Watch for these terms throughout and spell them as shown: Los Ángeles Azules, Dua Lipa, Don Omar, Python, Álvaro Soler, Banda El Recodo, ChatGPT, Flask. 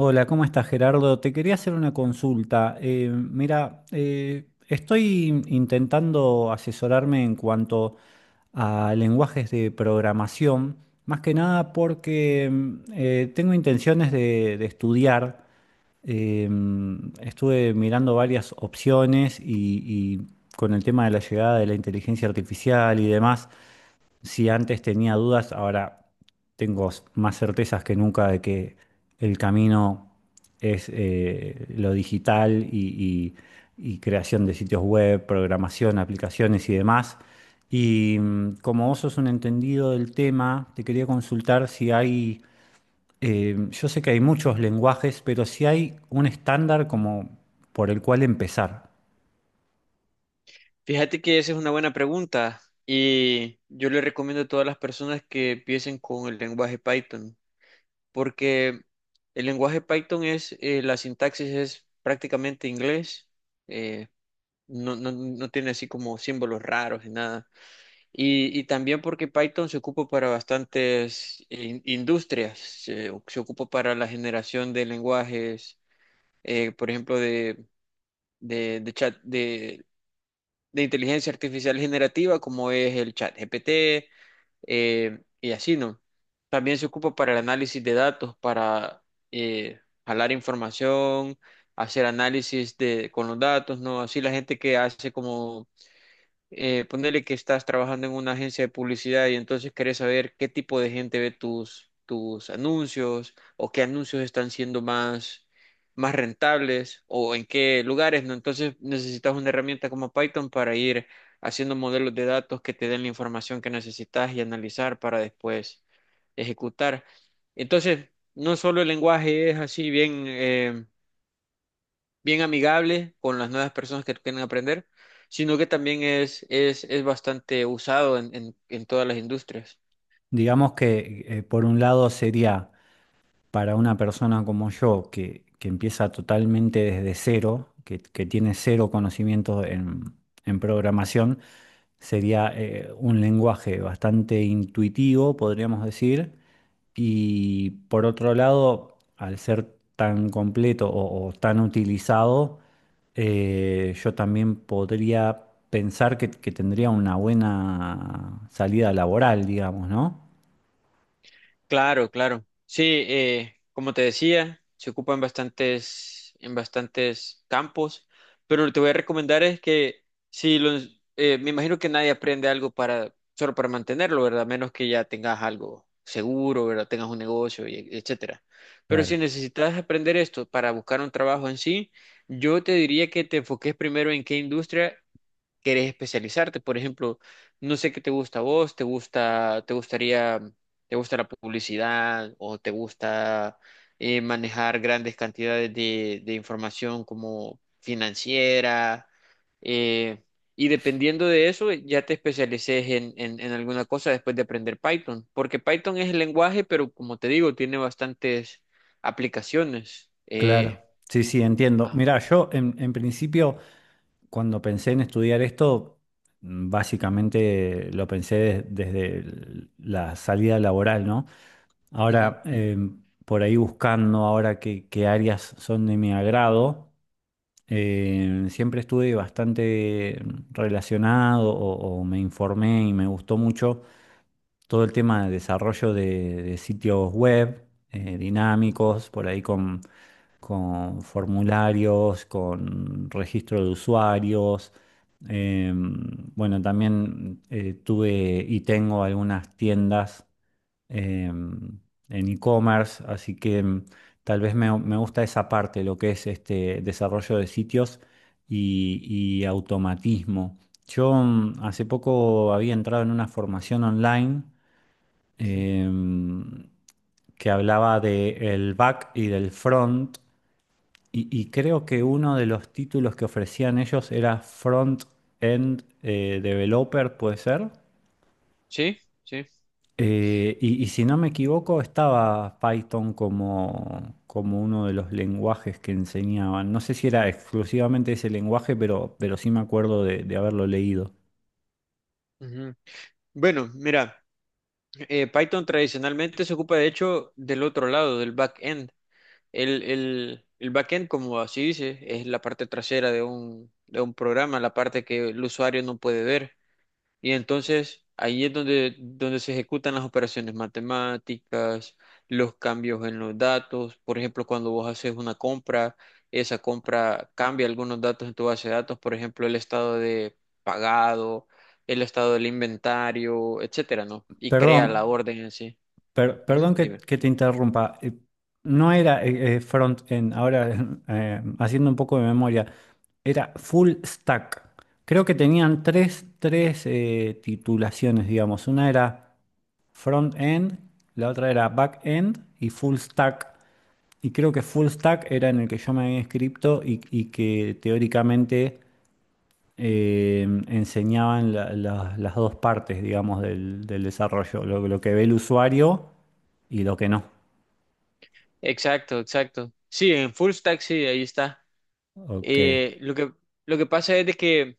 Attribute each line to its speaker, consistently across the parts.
Speaker 1: Hola, ¿cómo estás, Gerardo? Te quería hacer una consulta. Mira, estoy intentando asesorarme en cuanto a lenguajes de programación, más que nada porque tengo intenciones de estudiar. Estuve mirando varias opciones y con el tema de la llegada de la inteligencia artificial y demás. Si antes tenía dudas, ahora tengo más certezas que nunca de que el camino es lo digital y creación de sitios web, programación, aplicaciones y demás. Y como vos sos un entendido del tema, te quería consultar si hay, yo sé que hay muchos lenguajes, pero si hay un estándar como por el cual empezar.
Speaker 2: Fíjate que esa es una buena pregunta y yo le recomiendo a todas las personas que empiecen con el lenguaje Python, porque el lenguaje Python es, la sintaxis es prácticamente inglés. eh, no tiene así como símbolos raros ni nada. Y también porque Python se ocupa para bastantes industrias. Se ocupa para la generación de lenguajes, por ejemplo, de chat, de inteligencia artificial generativa, como es el chat GPT. Y así, ¿no? También se ocupa para el análisis de datos, para eh, jalar información, hacer análisis de, con los datos, ¿no? Así la gente que hace como ponele que estás trabajando en una agencia de publicidad y entonces querés saber qué tipo de gente ve tus anuncios o qué anuncios están siendo más, más rentables o en qué lugares, ¿no? Entonces necesitas una herramienta como Python para ir haciendo modelos de datos que te den la información que necesitas y analizar para después ejecutar. Entonces, no solo el lenguaje es así bien amigable con las nuevas personas que quieren aprender, sino que también es bastante usado en todas las industrias.
Speaker 1: Digamos que por un lado sería para una persona como yo que empieza totalmente desde cero, que tiene cero conocimientos en programación, sería un lenguaje bastante intuitivo, podríamos decir, y por otro lado, al ser tan completo o tan utilizado, yo también podría pensar que tendría una buena salida laboral, digamos, ¿no?
Speaker 2: Claro, claro. Sí, como te decía, se ocupa en bastantes campos, pero lo que te voy a recomendar es que si los, me imagino que nadie aprende algo para, solo para mantenerlo, ¿verdad? A menos que ya tengas algo seguro, ¿verdad? Tengas un negocio, y etcétera. Pero si
Speaker 1: Claro.
Speaker 2: necesitas aprender esto para buscar un trabajo en sí, yo te diría que te enfoques primero en qué industria querés especializarte. Por ejemplo, no sé qué te gusta a vos, te gusta, te gustaría, te gusta la publicidad o te gusta manejar grandes cantidades de información como financiera. eh, y dependiendo de eso, ya te especialices en alguna cosa después de aprender Python, porque Python es el lenguaje, pero como te digo, tiene bastantes aplicaciones.
Speaker 1: Claro, sí, sí, entiendo.
Speaker 2: Ah,
Speaker 1: Mirá, yo en principio, cuando pensé en estudiar esto, básicamente lo pensé desde la salida laboral, ¿no?
Speaker 2: ujú,
Speaker 1: Ahora, por ahí buscando ahora qué áreas son de mi agrado, siempre estuve bastante relacionado o me informé y me gustó mucho todo el tema de desarrollo de sitios web
Speaker 2: ujú,
Speaker 1: dinámicos, por ahí con formularios, con registro de usuarios. Bueno, también tuve y tengo algunas tiendas eh, en e-commerce, así que tal vez me gusta esa parte, lo que es este desarrollo de sitios y, y automatismo. Yo hace poco había entrado en una formación online
Speaker 2: ujú.
Speaker 1: em, que hablaba del back y del front, y creo que uno de los títulos que ofrecían ellos era Front End Developer, puede ser.
Speaker 2: Sí, sí.
Speaker 1: Y si no me equivoco, estaba Python como, como uno de los lenguajes que enseñaban. No sé si era exclusivamente ese lenguaje, pero sí me acuerdo de haberlo leído.
Speaker 2: Ujú. Bueno, mira, Python tradicionalmente se ocupa de hecho del otro lado, del backend. El backend, como así dice, es la parte trasera de un programa, la parte que el usuario no puede ver. Y entonces ahí es donde, donde se ejecutan las operaciones matemáticas, los cambios en los datos. Por ejemplo, cuando vos haces una compra, esa compra cambia algunos datos en tu base de datos, por ejemplo, el estado de pagado, el estado del inventario, etcétera, ¿no? Y
Speaker 1: Perdón,
Speaker 2: crea la orden en sí. Ujú,
Speaker 1: Perdón
Speaker 2: dime.
Speaker 1: que te interrumpa. No era front-end, ahora haciendo un poco de memoria, era full stack. Creo que tenían tres titulaciones, digamos. Una era front-end, la otra era back-end y full stack. Y creo que full stack era en el que yo me había inscrito y que teóricamente eh, enseñaban las dos partes, digamos, del desarrollo, lo que ve el usuario y lo que no.
Speaker 2: Exacto, exacto. Sí, en full stack sí, ahí está.
Speaker 1: Ok,
Speaker 2: Eh, lo que, lo que pasa es de que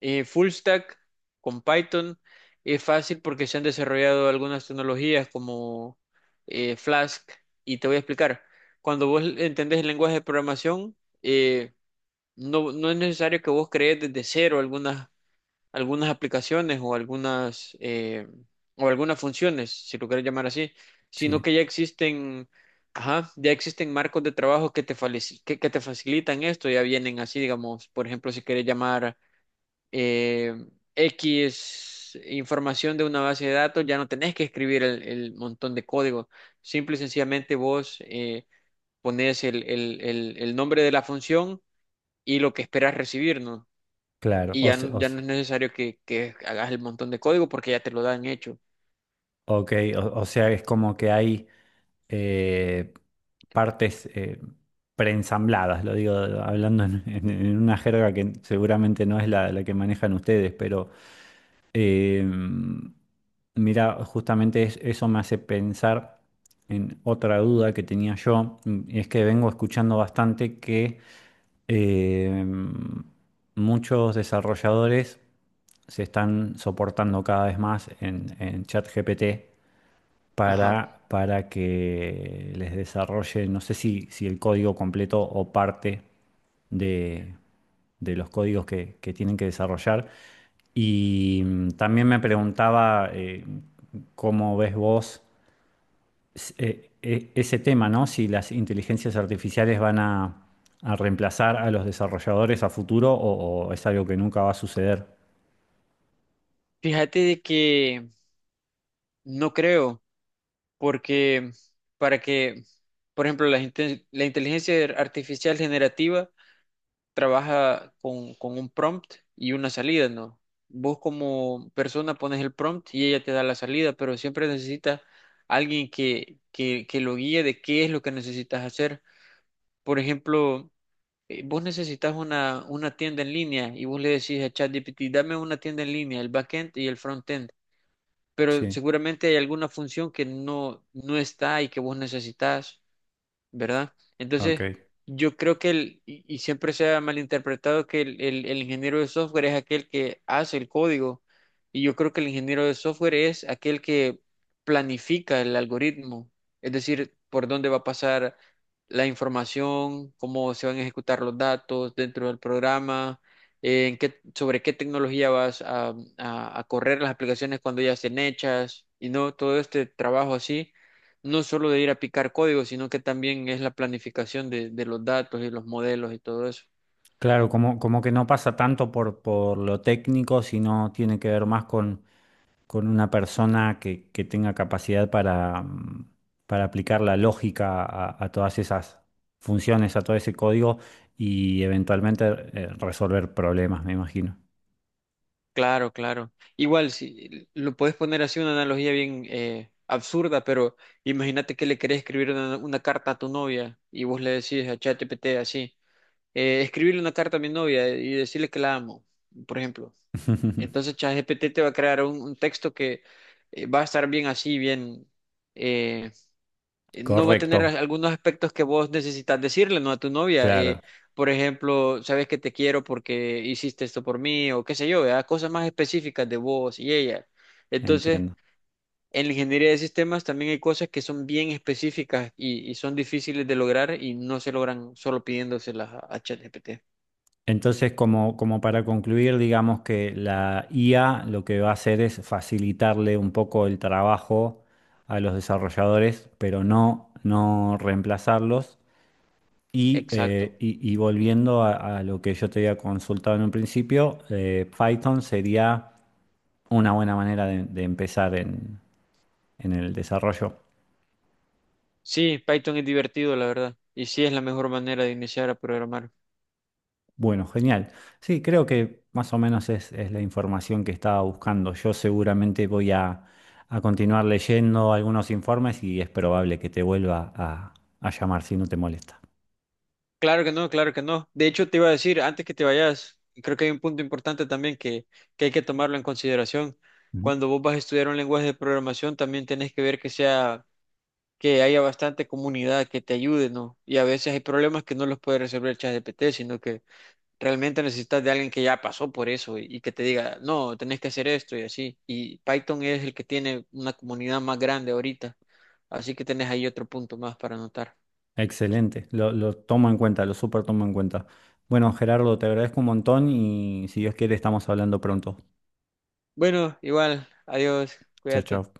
Speaker 2: full stack con Python es fácil porque se han desarrollado algunas tecnologías como Flask, y te voy a explicar. Cuando vos entendés el lenguaje de programación, eh, no es necesario que vos crees desde cero algunas aplicaciones o algunas funciones, si lo quieres llamar así, sino
Speaker 1: sí,
Speaker 2: que ya existen, ajá, ya existen marcos de trabajo que que te facilitan esto, ya vienen así, digamos, por ejemplo, si quieres llamar eh, X información de una base de datos, ya no tenés que escribir el montón de código, simple y sencillamente vos pones el nombre de la función y lo que esperas recibir, ¿no?
Speaker 1: claro.
Speaker 2: Y
Speaker 1: O,
Speaker 2: ya,
Speaker 1: se- o
Speaker 2: ya
Speaker 1: s-
Speaker 2: no es necesario que hagas el montón de código porque ya te lo dan hecho.
Speaker 1: ok, o sea, es como que hay eh, partes preensambladas, lo digo hablando en una jerga que seguramente no es la que manejan ustedes, pero Em, mira, justamente eso me hace pensar en otra duda que tenía yo, y es que vengo escuchando bastante que em, muchos desarrolladores se están soportando cada vez más en ChatGPT
Speaker 2: Ajá.
Speaker 1: para que les desarrolle, no sé si el código completo o parte de, de los códigos que tienen que desarrollar. Y también me preguntaba cómo ves vos ese tema, ¿no? Si las inteligencias artificiales van a reemplazar a los desarrolladores a futuro o es algo que nunca va a suceder.
Speaker 2: Fíjate de que no creo, porque para que, por ejemplo, la inteligencia artificial generativa trabaja con un prompt y una salida, ¿no? Vos como persona pones el prompt y ella te da la salida, pero siempre necesitas alguien que lo guíe de qué es lo que necesitas hacer. Por ejemplo, vos necesitas una tienda en línea y vos le decís a ChatGPT, dame una tienda en línea, el backend y el frontend, pero
Speaker 1: Sí,
Speaker 2: seguramente hay alguna función que no está y que vos necesitas. ¿Verdad?
Speaker 1: ok.
Speaker 2: Entonces, yo creo que el, y siempre se ha malinterpretado que el ingeniero de software es aquel que hace el código, y yo creo que el ingeniero de software es aquel que planifica el algoritmo, es decir, por dónde va a pasar la información, cómo se van a ejecutar los datos dentro del programa. En qué, sobre qué tecnología vas a correr las aplicaciones cuando ya estén hechas y no todo este trabajo así no solo de ir a picar código, sino que también es la planificación de los datos y los modelos y todo eso.
Speaker 1: Claro, como, como que no pasa tanto por lo técnico, sino tiene que ver más con una persona que tenga capacidad para, para aplicar la lógica a todas esas funciones, a todo ese código y eventualmente resolver problemas, me imagino.
Speaker 2: Claro, claro. Igual, si lo puedes poner así una analogía bien absurda, pero imagínate que le querés escribir una carta a tu novia y vos le decís a ChatGPT así, escribirle una carta a mi novia y decirle que la amo, por ejemplo. Entonces ChatGPT te va a crear un texto que va a estar bien así, bien eh, no va a
Speaker 1: Correcto,
Speaker 2: tener algunos aspectos que vos necesitas decirle, ¿no? A tu novia.
Speaker 1: claro,
Speaker 2: Por ejemplo, sabes que te quiero porque hiciste esto por mí o qué sé yo, ¿verdad? Cosas más específicas de vos y ella. Entonces,
Speaker 1: entiendo.
Speaker 2: en la ingeniería de sistemas también hay cosas que son bien específicas y son difíciles de lograr y no se logran solo pidiéndoselas a ChatGPT.
Speaker 1: Entonces, como, como para concluir, digamos que la IA lo que va a hacer es facilitarle un poco el trabajo a los desarrolladores, pero no, no reemplazarlos. Y,
Speaker 2: Exacto.
Speaker 1: y volviendo a lo que yo te había consultado en un principio, Python sería una buena manera de empezar en el desarrollo.
Speaker 2: Sí, Python es divertido, la verdad. Y sí es la mejor manera de iniciar a programar.
Speaker 1: Bueno, genial. Sí, creo que más o menos es la información que estaba buscando. Yo seguramente voy a continuar leyendo algunos informes y es probable que te vuelva a llamar si no te molesta.
Speaker 2: Claro que no, claro que no. De hecho, te iba a decir, antes que te vayas, creo que hay un punto importante también que hay que tomarlo en consideración.
Speaker 1: Ujú.
Speaker 2: Cuando vos vas a estudiar un lenguaje de programación, también tenés que ver que sea, que haya bastante comunidad que te ayude, ¿no? Y a veces hay problemas que no los puede resolver ChatGPT, sino que realmente necesitas de alguien que ya pasó por eso y que te diga, no, tenés que hacer esto y así. Y Python es el que tiene una comunidad más grande ahorita, así que tenés ahí otro punto más para anotar.
Speaker 1: Excelente, lo tomo en cuenta, lo súper tomo en cuenta. Bueno, Gerardo, te agradezco un montón y si Dios quiere estamos hablando pronto.
Speaker 2: Bueno, igual, adiós,
Speaker 1: Chao,
Speaker 2: cuídate.
Speaker 1: chao.